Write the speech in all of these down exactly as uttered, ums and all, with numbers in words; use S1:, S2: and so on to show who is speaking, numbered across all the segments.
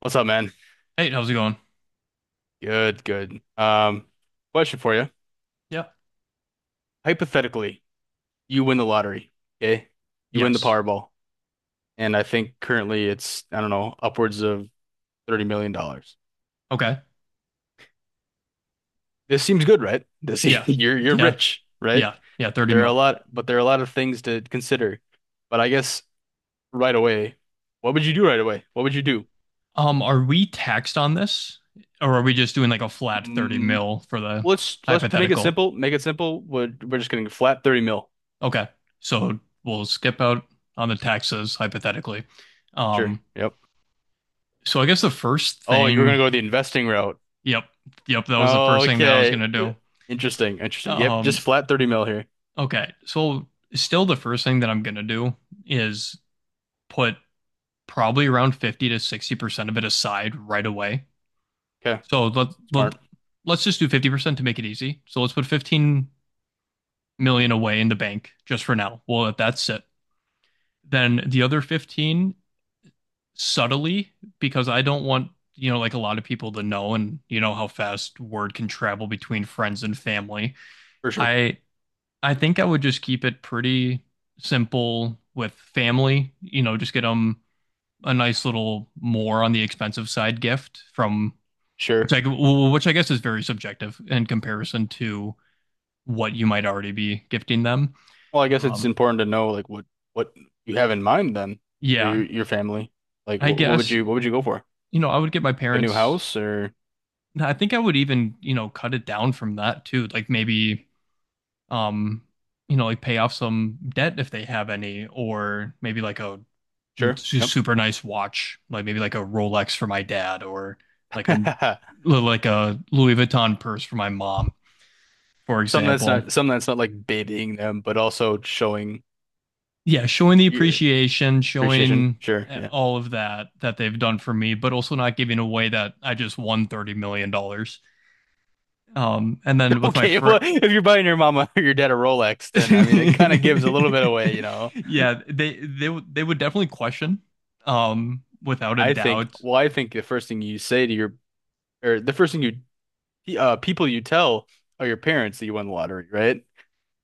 S1: What's up, man?
S2: Hey, how's it going?
S1: Good, good. Um, question for you.
S2: Yeah.
S1: Hypothetically, you win the lottery, okay? You win the
S2: Yes.
S1: Powerball, and I think currently it's, I don't know, upwards of thirty million dollars. dollars.
S2: Okay.
S1: This seems good, right? This
S2: Yeah,
S1: you're you're
S2: yeah,
S1: rich, right?
S2: yeah, yeah.
S1: But
S2: thirty
S1: there are a
S2: mil.
S1: lot but there are a lot of things to consider. But I guess right away, what would you do right away? What would you do?
S2: Um, are we taxed on this? Or are we just doing like a flat thirty
S1: Mm,
S2: mil for the
S1: let's let's make it
S2: hypothetical?
S1: simple. Make it simple. We're, we're just getting flat thirty mil.
S2: Okay. So we'll skip out on the taxes hypothetically.
S1: Sure.
S2: Um,
S1: Yep.
S2: so I guess the first
S1: Oh, you were gonna
S2: thing,
S1: go the investing route.
S2: yep, yep, that was the first thing that I was
S1: Okay.
S2: gonna do.
S1: Interesting. Interesting. Yep. Just
S2: Um,
S1: flat thirty mil here.
S2: okay. So still the first thing that I'm gonna do is put probably around fifty to sixty percent of it aside right away.
S1: Okay.
S2: So let, let,
S1: Smart.
S2: let's just do fifty percent to make it easy. So let's put fifteen million away in the bank just for now. We'll let that sit. Then the other fifteen subtly, because I don't want, you know, like a lot of people to know, and you know how fast word can travel between friends and family.
S1: For sure.
S2: I I think I would just keep it pretty simple with family, you know, just get them a nice little more on the expensive side gift from which
S1: Sure.
S2: I which I guess is very subjective in comparison to what you might already be gifting them.
S1: Well, I guess it's
S2: Um,
S1: important to know like what what you have in mind then for
S2: yeah,
S1: your, your family. Like
S2: I
S1: what, what would
S2: guess,
S1: you what would you go for?
S2: you know, I would get my
S1: A new
S2: parents.
S1: house or
S2: I think I would even, you know, cut it down from that too. Like maybe, um, you know, like pay off some debt if they have any, or maybe like a
S1: sure.
S2: su-
S1: Yep.
S2: super nice watch, like maybe like a Rolex for my dad, or like a like a Louis Vuitton purse for my mom, for
S1: Something that's
S2: example.
S1: not something that's not like babying them, but also showing
S2: Yeah, showing the
S1: you
S2: appreciation,
S1: appreciation.
S2: showing
S1: Sure.
S2: eh,
S1: Yeah.
S2: all of that that they've done for me, but also not giving away that I just won thirty million dollars. Um, and then with my
S1: Okay. If well,
S2: friend,
S1: if you're buying your mama or your dad a Rolex, then I mean it kind of gives a little bit away, you know.
S2: yeah, they they they would definitely question, um, without a
S1: I think,
S2: doubt.
S1: well, I think the first thing you say to your or the first thing you uh people you tell are your parents that you won the lottery, right?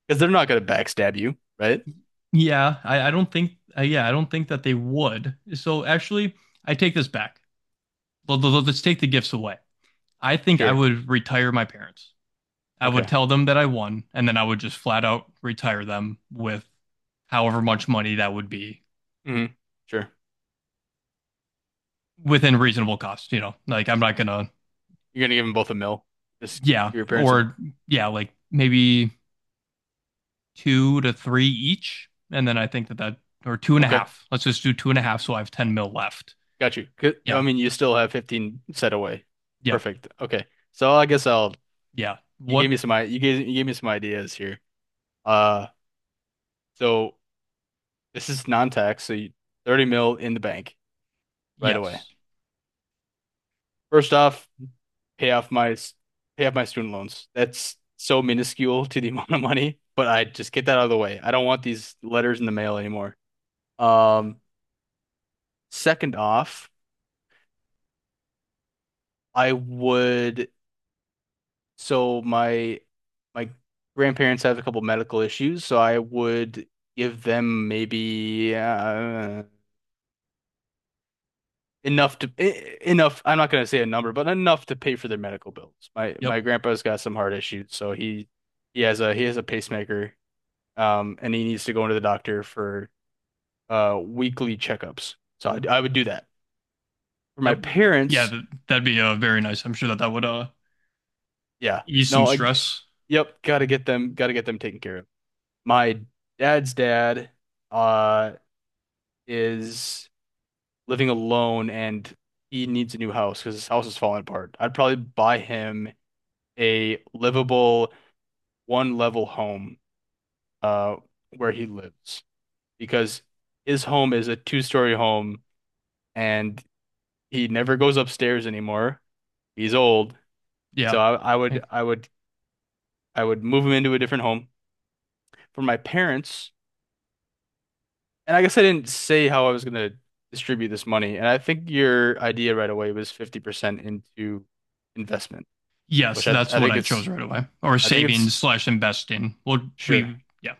S1: Because they're not gonna backstab you, right?
S2: Yeah, I, I don't think, uh, yeah, I don't think that they would. So actually, I take this back. Let's take the gifts away. I think I
S1: Sure.
S2: would retire my parents. I would
S1: Okay.
S2: tell them that I won, and then I would just flat out retire them with however much money that would be
S1: Hmm. Sure.
S2: within reasonable cost, you know. Like I'm not gonna,
S1: You're gonna give them both a mill. Just
S2: yeah,
S1: give your parents a
S2: or yeah, like maybe two to three each, and then I think that that or two and a
S1: okay.
S2: half. Let's just do two and a half so I have ten mil left.
S1: Got you. Good. I
S2: Yeah.
S1: mean, you still have fifteen set away.
S2: Yep.
S1: Perfect. Okay. So I guess I'll
S2: Yeah.
S1: you gave
S2: What?
S1: me some I you gave you gave me some ideas here. Uh, so this is non-tax, so you, thirty mil in the bank right away.
S2: Yes.
S1: First off, pay off my pay off my student loans. That's so minuscule to the amount of money, but I just get that out of the way. I don't want these letters in the mail anymore. Um, second off, I would so my my grandparents have a couple medical issues, so I would give them maybe uh, enough to e- enough. I'm not gonna say a number, but enough to pay for their medical bills. My
S2: Yep.
S1: my grandpa's got some heart issues, so he he has a he has a pacemaker um, and he needs to go into the doctor for uh, weekly checkups. So I, I would do that for my
S2: Yep.
S1: parents.
S2: Yeah, that'd be uh, very nice. I'm sure that that would uh
S1: Yeah,
S2: ease some
S1: no, I
S2: stress.
S1: yep, gotta get them, gotta get them taken care of. My dad's dad uh, is living alone, and he needs a new house because his house is falling apart. I'd probably buy him a livable one-level home uh, where he lives because his home is a two-story home and he never goes upstairs anymore. He's old. So
S2: Yeah.
S1: I, I
S2: I.
S1: would I would I would move him into a different home for my parents. And I guess I didn't say how I was gonna distribute this money. And I think your idea right away was fifty percent into investment,
S2: Yes,
S1: which I
S2: that's
S1: I
S2: what
S1: think
S2: I chose
S1: it's
S2: right away. Or
S1: I think
S2: saving
S1: it's
S2: slash investing. Would
S1: sure.
S2: we? Yeah.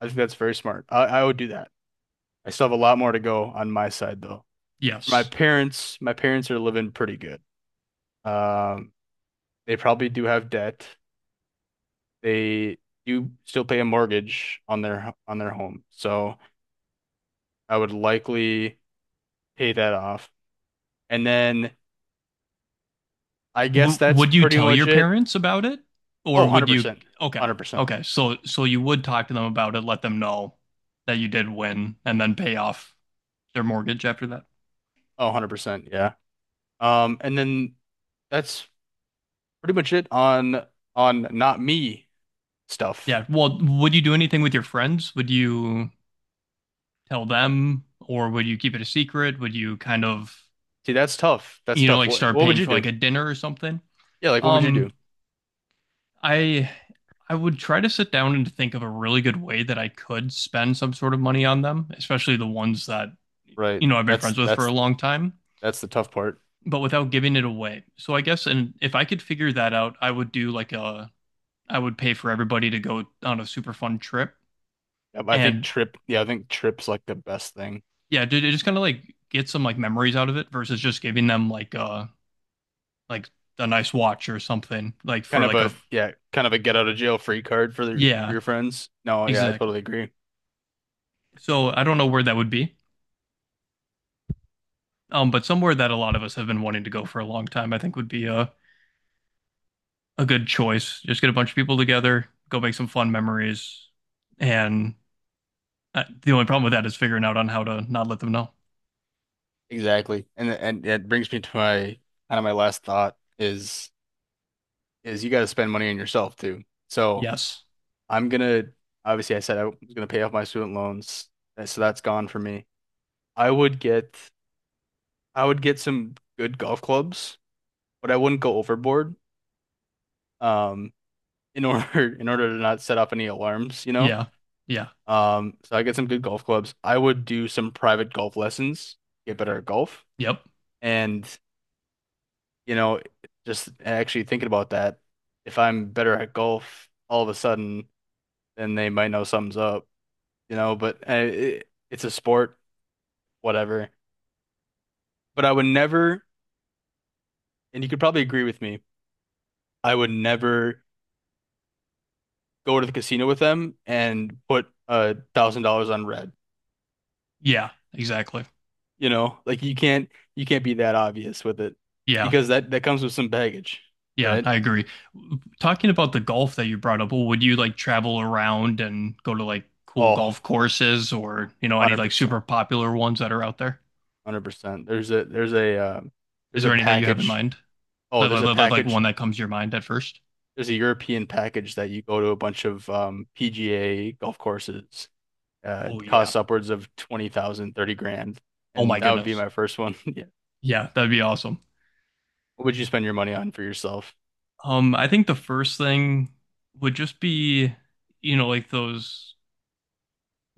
S1: I think that's very smart. I, I would do that. I still have a lot more to go on my side though. my
S2: Yes.
S1: parents, my parents are living pretty good. Um, they probably do have debt. They do still pay a mortgage on their on their home. So I would likely pay that off. And then I guess
S2: W-
S1: that's
S2: would you
S1: pretty
S2: tell your
S1: much it.
S2: parents about it,
S1: Oh,
S2: or would you?
S1: one hundred percent.
S2: Okay.
S1: one hundred percent.
S2: Okay. So so you would talk to them about it, let them know that you did win, and then pay off their mortgage after that.
S1: Oh, one hundred percent. Yeah. Um, and then that's pretty much it on on not me stuff.
S2: Yeah. Well, would you do anything with your friends? Would you tell them, or would you keep it a secret? Would you kind of,
S1: See, that's tough. That's
S2: you know,
S1: tough.
S2: like
S1: What
S2: start
S1: what would
S2: paying
S1: you
S2: for like
S1: do?
S2: a dinner or something?
S1: Yeah, like what would you do?
S2: Um, I I would try to sit down and think of a really good way that I could spend some sort of money on them, especially the ones that,
S1: Right.
S2: you know, I've been
S1: That's
S2: friends with for a
S1: that's
S2: long time,
S1: that's the tough part.
S2: but without giving it away. So I guess, and if I could figure that out, I would do like a. I would pay for everybody to go on a super fun trip,
S1: Yeah, but I think
S2: and
S1: trip, yeah, I think trip's like the best thing.
S2: yeah, dude, it just kind of like get some like memories out of it versus just giving them like uh like a nice watch or something like for
S1: Kind of
S2: like
S1: a
S2: a,
S1: yeah, kind of a get out of jail free card for, the, for
S2: yeah,
S1: your friends. No, yeah, I
S2: exactly.
S1: totally agree.
S2: So I don't know where that would be. Um, but somewhere that a lot of us have been wanting to go for a long time, I think would be a, a good choice. Just get a bunch of people together, go make some fun memories. And uh, the only problem with that is figuring out on how to not let them know.
S1: Exactly. And and it brings me to my kind of my last thought is is you got to spend money on yourself too. So
S2: Yes.
S1: I'm gonna obviously I said I was gonna pay off my student loans, and so that's gone for me. I would get I would get some good golf clubs, but I wouldn't go overboard. Um, in order in order to not set off any alarms, you know.
S2: Yeah. Yeah.
S1: Um, so I get some good golf clubs. I would do some private golf lessons, get better at golf.
S2: Yep.
S1: And, you know, just actually thinking about that, if I'm better at golf all of a sudden, then they might know something's up, you know, but uh, it, it's a sport, whatever. But I would never, and you could probably agree with me, I would never go to the casino with them and put a thousand dollars on red,
S2: Yeah. Exactly.
S1: you know, like you can't, you can't be that obvious with it
S2: Yeah.
S1: because that, that comes with some baggage,
S2: Yeah.
S1: right?
S2: I agree. Talking about the golf that you brought up, well, would you like travel around and go to like cool
S1: Oh,
S2: golf courses or, you know, any like
S1: one hundred percent.
S2: super popular ones that are out there?
S1: one hundred percent. There's a there's a uh,
S2: Is
S1: there's a
S2: there any that you have in
S1: package.
S2: mind?
S1: Oh,
S2: Like,
S1: there's
S2: like,
S1: a
S2: like like like one
S1: package.
S2: that comes to your mind at first?
S1: There's a European package that you go to a bunch of um, P G A golf courses. Uh,
S2: Oh
S1: it
S2: yeah.
S1: costs upwards of twenty thousand, thirty grand.
S2: Oh my
S1: And that would be
S2: goodness.
S1: my first one. Yeah.
S2: Yeah, that'd be awesome.
S1: What would you spend your money on for yourself?
S2: Um, I think the first thing would just be, you know, like those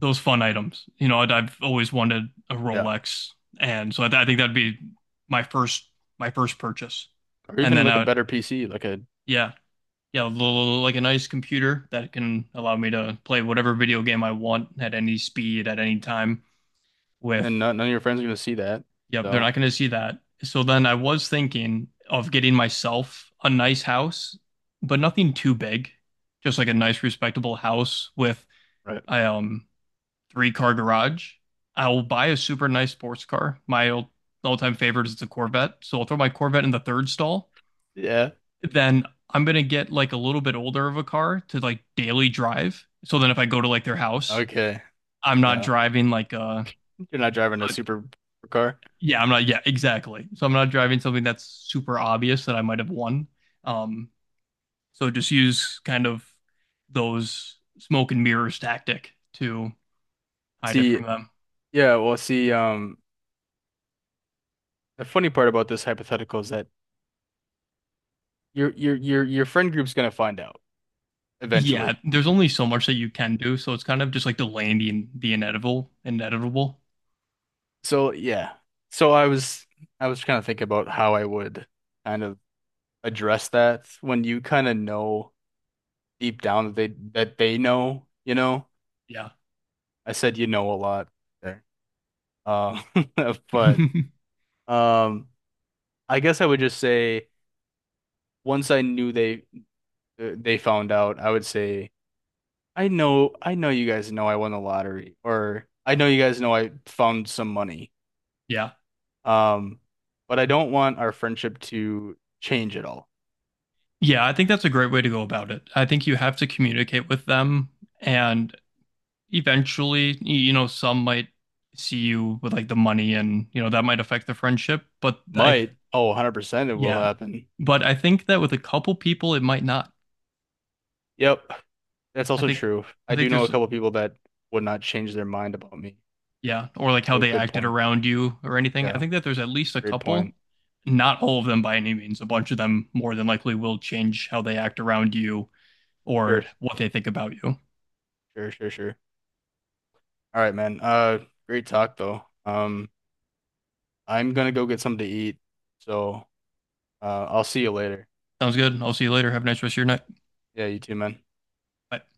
S2: those fun items. You know, I'd, I've always wanted a
S1: Yeah.
S2: Rolex, and so I, th I think that'd be my first my first purchase.
S1: Or
S2: And
S1: even
S2: then
S1: like
S2: I
S1: a
S2: would,
S1: better P C, like a
S2: yeah, yeah, a little, like a nice computer that can allow me to play whatever video game I want at any speed, at any time, with.
S1: and none, none of your friends are going to see that.
S2: Yep, they're
S1: So,
S2: not going to see that. So then I was thinking of getting myself a nice house, but nothing too big. Just like a nice, respectable house with
S1: right.
S2: a um, three car garage. I'll buy a super nice sports car. My old, all-time favorite is the Corvette. So I'll throw my Corvette in the third stall.
S1: Yeah.
S2: Then I'm going to get like a little bit older of a car to like daily drive. So then if I go to like their house,
S1: Okay.
S2: I'm not
S1: Yeah.
S2: driving like a.
S1: You're not driving a super car.
S2: Yeah, I'm not. Yeah, exactly. So I'm not driving something that's super obvious that I might have won. Um, so just use kind of those smoke and mirrors tactic to hide it from
S1: See,
S2: them.
S1: yeah, well, see, um the funny part about this hypothetical is that your your your your friend group's gonna find out
S2: Yeah,
S1: eventually.
S2: there's only so much that you can do, so it's kind of just like delaying the the inevitable, inevitable.
S1: So yeah. So I was I was kind of thinking about how I would kind of address that when you kind of know deep down that they that they know, you know.
S2: Yeah.
S1: I said you know a lot there. Um but um I guess I would just say once I knew they they found out, I would say I know I know you guys know I won the lottery or I know you guys know I found some money.
S2: Yeah.
S1: Um, but I don't want our friendship to change at all.
S2: Yeah, I think that's a great way to go about it. I think you have to communicate with them, and eventually, y- you know, some might see you with like the money and, you know, that might affect the friendship. But I, th
S1: Might. Oh, one hundred percent it will
S2: yeah.
S1: happen.
S2: But I think that with a couple people, it might not.
S1: Yep. That's
S2: I
S1: also
S2: think,
S1: true.
S2: I
S1: I do
S2: think
S1: know a
S2: there's,
S1: couple people that would not change their mind about me.
S2: yeah, or like how
S1: So
S2: they
S1: good
S2: acted
S1: point.
S2: around you or anything. I
S1: Yeah.
S2: think that there's at least a
S1: Great point.
S2: couple, not all of them by any means. A bunch of them more than likely will change how they act around you or
S1: Sure.
S2: what they think about you.
S1: Sure, sure, sure. All right, man. Uh, great talk though. Um, I'm gonna go get something to eat. So, uh, I'll see you later.
S2: Sounds good. I'll see you later. Have a nice rest of your night.
S1: Yeah, you too, man.
S2: Bye.